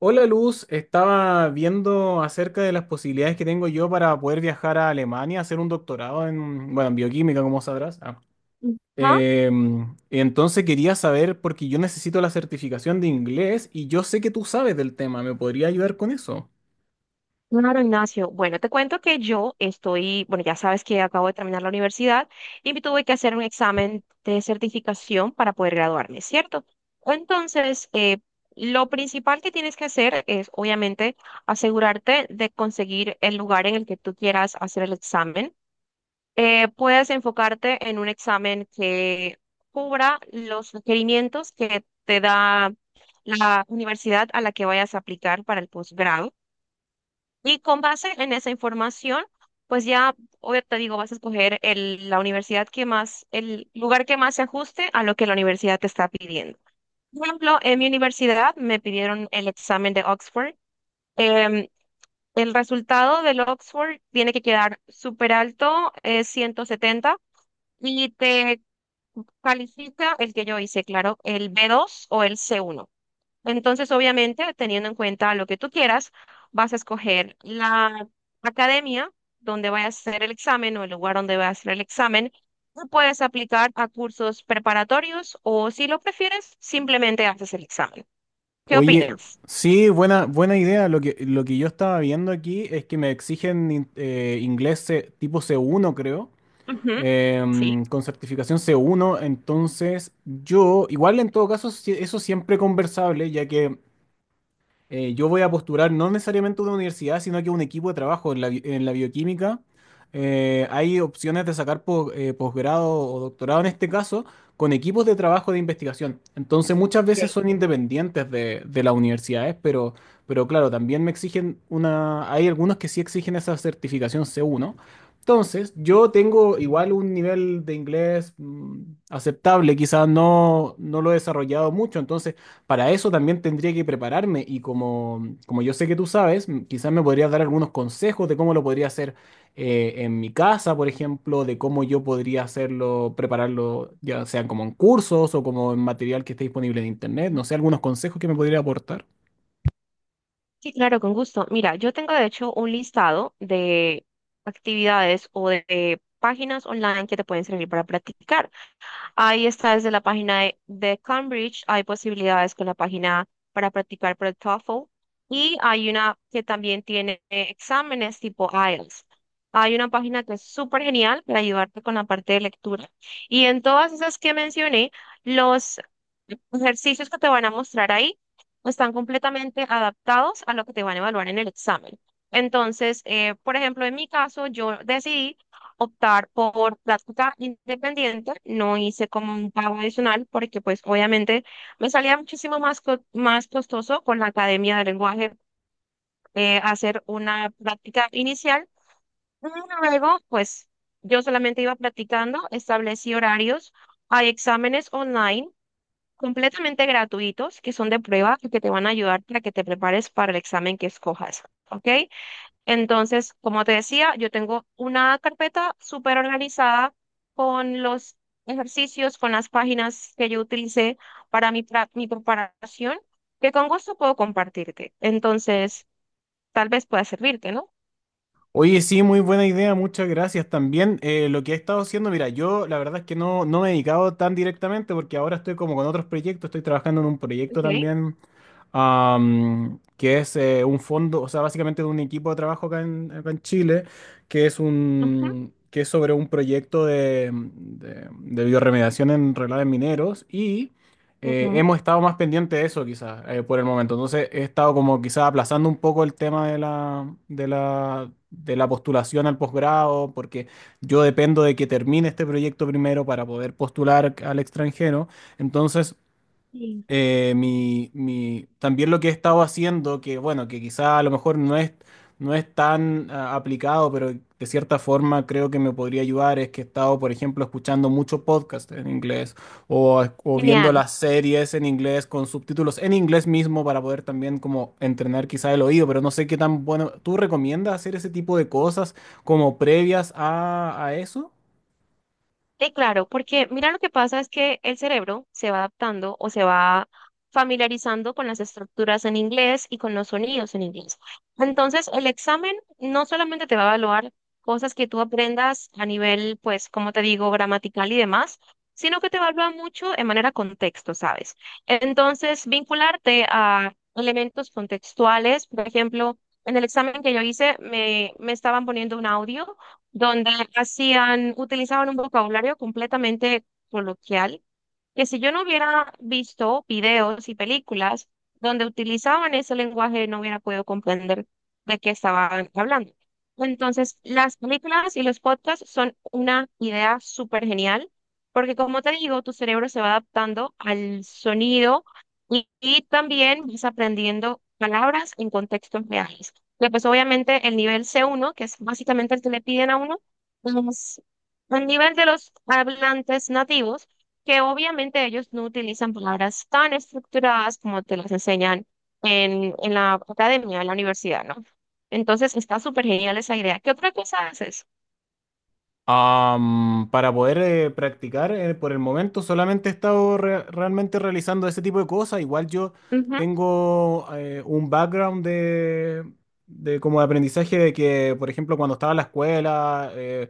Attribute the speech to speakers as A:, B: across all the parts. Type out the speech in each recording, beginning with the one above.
A: Hola Luz, estaba viendo acerca de las posibilidades que tengo yo para poder viajar a Alemania, a hacer un doctorado en, bueno, en bioquímica, como sabrás. Ah.
B: Ajá,
A: Entonces quería saber, porque yo necesito la certificación de inglés y yo sé que tú sabes del tema, ¿me podría ayudar con eso?
B: claro, Ignacio. Bueno, te cuento que yo estoy, bueno, ya sabes que acabo de terminar la universidad y me tuve que hacer un examen de certificación para poder graduarme, ¿cierto? Entonces, lo principal que tienes que hacer es, obviamente, asegurarte de conseguir el lugar en el que tú quieras hacer el examen. Puedes enfocarte en un examen que cubra los requerimientos que te da la universidad a la que vayas a aplicar para el posgrado. Y con base en esa información, pues ya, obvio, te digo, vas a escoger la universidad que más, el lugar que más se ajuste a lo que la universidad te está pidiendo. Por ejemplo, en mi universidad me pidieron el examen de Oxford. Em, el resultado del Oxford tiene que quedar súper alto, es 170 y te califica el que yo hice, claro, el B2 o el C1. Entonces, obviamente, teniendo en cuenta lo que tú quieras, vas a escoger la academia donde vayas a hacer el examen o el lugar donde vayas a hacer el examen. Tú puedes aplicar a cursos preparatorios o, si lo prefieres, simplemente haces el examen. ¿Qué
A: Oye,
B: opinas?
A: sí, buena, buena idea. Lo que yo estaba viendo aquí es que me exigen inglés tipo C1, creo.
B: Ujú. Sí.
A: Con certificación c uno, entonces yo, igual en todo caso, eso siempre conversable, ya que yo voy a postular no necesariamente a una universidad, sino que a un equipo de trabajo en la bioquímica. Hay opciones de sacar posgrado o doctorado en este caso con equipos de trabajo de investigación. Entonces muchas veces
B: Ok.
A: son independientes de las universidades, pero, claro, también me exigen Hay algunos que sí exigen esa certificación C1. Entonces, yo tengo igual un nivel de inglés aceptable, quizás no, no lo he desarrollado mucho, entonces para eso también tendría que prepararme y como yo sé que tú sabes, quizás me podrías dar algunos consejos de cómo lo podría hacer en mi casa, por ejemplo, de cómo yo podría hacerlo, prepararlo, ya sean como en cursos o como en material que esté disponible en internet, no sé, algunos consejos que me podría aportar.
B: Sí, claro, con gusto. Mira, yo tengo de hecho un listado de actividades o de páginas online que te pueden servir para practicar. Ahí está desde la página de Cambridge, hay posibilidades con la página para practicar para el TOEFL y hay una que también tiene exámenes tipo IELTS. Hay una página que es súper genial para ayudarte con la parte de lectura. Y en todas esas que mencioné, los ejercicios que te van a mostrar ahí están completamente adaptados a lo que te van a evaluar en el examen. Entonces, por ejemplo, en mi caso, yo decidí optar por práctica independiente, no hice como un pago adicional porque pues obviamente me salía muchísimo más, más costoso con la academia de lenguaje hacer una práctica inicial. Y Luego pues yo solamente iba practicando, establecí horarios, hay exámenes online completamente gratuitos que son de prueba y que te van a ayudar para que te prepares para el examen que escojas, ¿ok? Entonces, como te decía, yo tengo una carpeta súper organizada con los ejercicios, con las páginas que yo utilicé para mi preparación, que con gusto puedo compartirte. Entonces, tal vez pueda servirte, ¿no?
A: Oye, sí, muy buena idea, muchas gracias. También lo que he estado haciendo, mira, yo la verdad es que no, no me he dedicado tan directamente porque ahora estoy como con otros proyectos, estoy trabajando en un proyecto
B: Ok.
A: también que es un fondo, o sea, básicamente de un equipo de trabajo acá en Chile,
B: Ujú,
A: que es sobre un proyecto de biorremediación en relaves mineros y
B: ujú.
A: hemos estado más pendientes de eso quizás por el momento. Entonces he estado como quizás aplazando un poco el tema de la postulación al posgrado, porque yo dependo de que termine este proyecto primero para poder postular al extranjero. Entonces
B: Sí.
A: también lo que he estado haciendo, que bueno, que quizá a lo mejor no es tan aplicado, pero de cierta forma creo que me podría ayudar, es que he estado, por ejemplo, escuchando mucho podcast en inglés o, viendo
B: Genial.
A: las series en inglés con subtítulos en inglés mismo para poder también como entrenar quizá el oído, pero no sé qué tan bueno. ¿Tú recomiendas hacer ese tipo de cosas como previas a eso?
B: Sí, claro, porque mira lo que pasa es que el cerebro se va adaptando o se va familiarizando con las estructuras en inglés y con los sonidos en inglés. Entonces, el examen no solamente te va a evaluar cosas que tú aprendas a nivel, pues, como te digo, gramatical y demás, sino que te evalúa mucho en manera contexto, ¿sabes? Entonces, vincularte a elementos contextuales, por ejemplo, en el examen que yo hice me estaban poniendo un audio donde hacían, utilizaban un vocabulario completamente coloquial que si yo no hubiera visto videos y películas donde utilizaban ese lenguaje, no hubiera podido comprender de qué estaban hablando. Entonces, las películas y los podcasts son una idea súper genial, porque como te digo, tu cerebro se va adaptando al sonido y también vas aprendiendo palabras en contextos reales. Y pues obviamente el nivel C1 que es básicamente el que le piden a uno, es el nivel de los hablantes nativos que obviamente ellos no utilizan palabras tan estructuradas como te las enseñan en la academia, en la universidad, ¿no? Entonces está súper genial esa idea. ¿Qué otra cosa haces?
A: Para poder practicar, por el momento solamente he estado realmente realizando ese tipo de cosas. Igual yo
B: Ujú.
A: tengo un background de como de aprendizaje de que, por ejemplo, cuando estaba en la escuela, eh,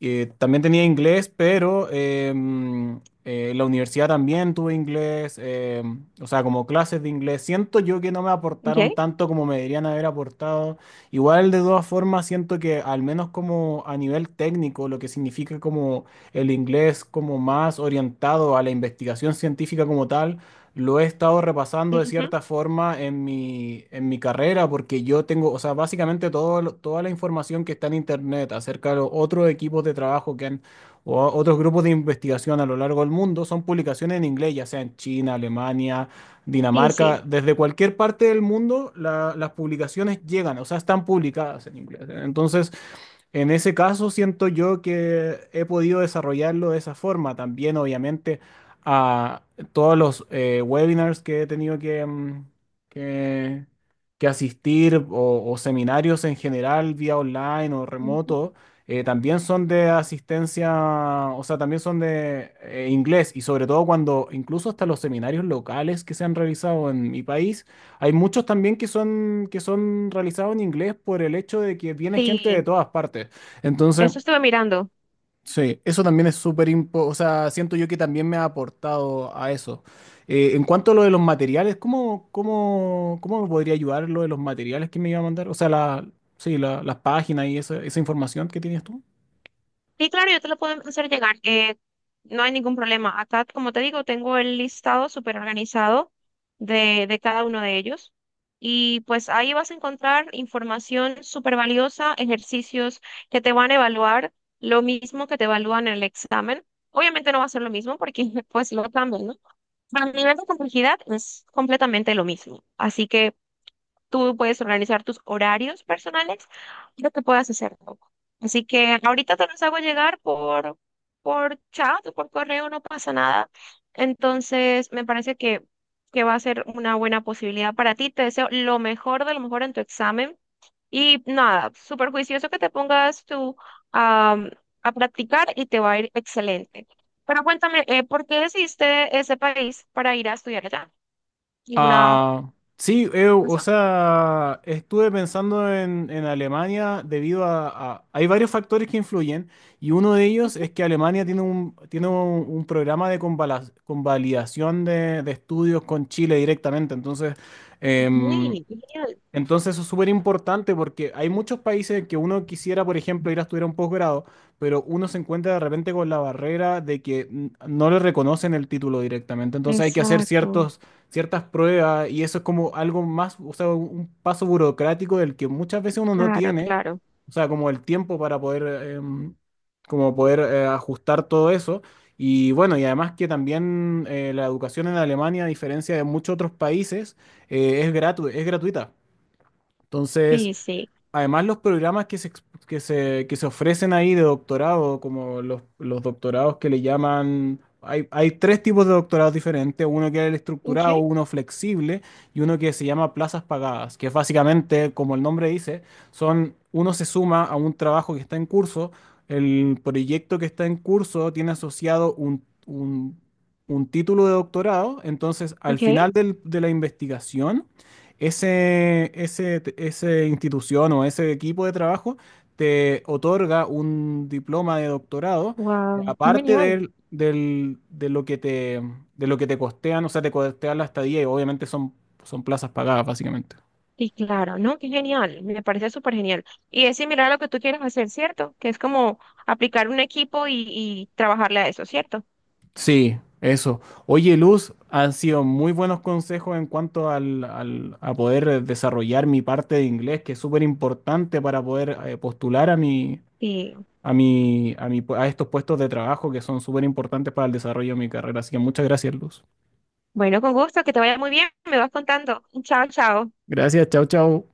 A: eh, también tenía inglés, pero en la universidad también tuve inglés, o sea, como clases de inglés. Siento yo que no me
B: Ok.
A: aportaron tanto como me deberían haber aportado. Igual, de todas formas, siento que al menos como a nivel técnico, lo que significa como el inglés como más orientado a la investigación científica como tal, lo he estado repasando de
B: Ujú.
A: cierta forma en mi carrera, porque yo tengo, o sea, básicamente todo, toda la información que está en Internet acerca de los otros equipos de trabajo que han, o otros grupos de investigación a lo largo del mundo, son publicaciones en inglés, ya sea en China, Alemania,
B: Sí, sí.
A: Dinamarca, desde cualquier parte del mundo, las publicaciones llegan, o sea, están publicadas en inglés. Entonces, en ese caso, siento yo que he podido desarrollarlo de esa forma. También, obviamente, a todos los webinars que he tenido que, que asistir o, seminarios en general, vía online o
B: Ujú.
A: remoto, también son de asistencia, o sea, también son de inglés y sobre todo cuando incluso hasta los seminarios locales que se han realizado en mi país hay muchos también que son realizados en inglés por el hecho de que viene gente de
B: Sí,
A: todas partes. Entonces,
B: eso estuve mirando.
A: sí, eso también es súper importante. O sea, siento yo que también me ha aportado a eso. En cuanto a lo de los materiales, ¿cómo me podría ayudar lo de los materiales que me iba a mandar? O sea, sí, las páginas y esa información que tienes tú.
B: Sí, claro, yo te lo puedo hacer llegar. No hay ningún problema. Acá, como te digo, tengo el listado súper organizado de cada uno de ellos. Y pues ahí vas a encontrar información súper valiosa, ejercicios que te van a evaluar, lo mismo que te evalúan en el examen. Obviamente no va a ser lo mismo porque pues lo cambian, ¿no? Pero a nivel de complejidad es completamente lo mismo. Así que tú puedes organizar tus horarios personales, lo que puedas hacer tú. Así que ahorita te los hago llegar por chat o por correo, no pasa nada. Entonces, me parece que va a ser una buena posibilidad para ti. Te deseo lo mejor de lo mejor en tu examen. Y nada, súper juicioso que te pongas tú am, a practicar y te va a ir excelente. Pero cuéntame, ¿por qué decidiste ese país para ir a estudiar allá? ¿Alguna
A: Ah, sí, o
B: razón?
A: sea, estuve pensando en Alemania debido Hay varios factores que influyen y uno de ellos
B: Ujú.
A: es que Alemania tiene un programa de convalidación de estudios con Chile directamente. Entonces, em,
B: Muy bien.
A: eso es súper importante porque hay muchos países que uno quisiera, por ejemplo, ir a estudiar un posgrado, pero uno se encuentra de repente con la barrera de que no le reconocen el título directamente. Entonces hay que hacer
B: Exacto,
A: ciertas pruebas y eso es como algo más, o sea, un paso burocrático del que muchas veces uno no
B: claro,
A: tiene,
B: claro.
A: o sea, como el tiempo para poder, em, como poder ajustar todo eso. Y bueno, y además que también la educación en Alemania, a diferencia de muchos otros países, es gratuita. Entonces,
B: Sí, sí.
A: además los programas que se, ex- que se ofrecen ahí de doctorado, como los doctorados que le llaman, hay 3 tipos de doctorados diferentes, uno que es el
B: Ok,
A: estructurado, uno flexible y uno que se llama plazas pagadas, que básicamente, como el nombre dice, son, uno se suma a un trabajo que está en curso, el proyecto que está en curso tiene asociado un título de doctorado, entonces al
B: ok.
A: final de la investigación ese institución o ese equipo de trabajo te otorga un diploma de doctorado,
B: Wow, qué
A: aparte
B: genial.
A: de lo que te costean, o sea, te costean la estadía y obviamente son plazas pagadas, básicamente.
B: Sí, claro, no, qué genial. Me parece súper genial. Y es similar a lo que tú quieres hacer, ¿cierto? Que es como aplicar un equipo y trabajarle a eso, ¿cierto?
A: Sí, eso. Oye, Luz, han sido muy buenos consejos en cuanto a poder desarrollar mi parte de inglés, que es súper importante para poder postular
B: Sí.
A: a estos puestos de trabajo que son súper importantes para el desarrollo de mi carrera. Así que muchas gracias, Luz.
B: Bueno, con gusto, que te vaya muy bien. Me vas contando. Chao, chao.
A: Gracias, chao, chao.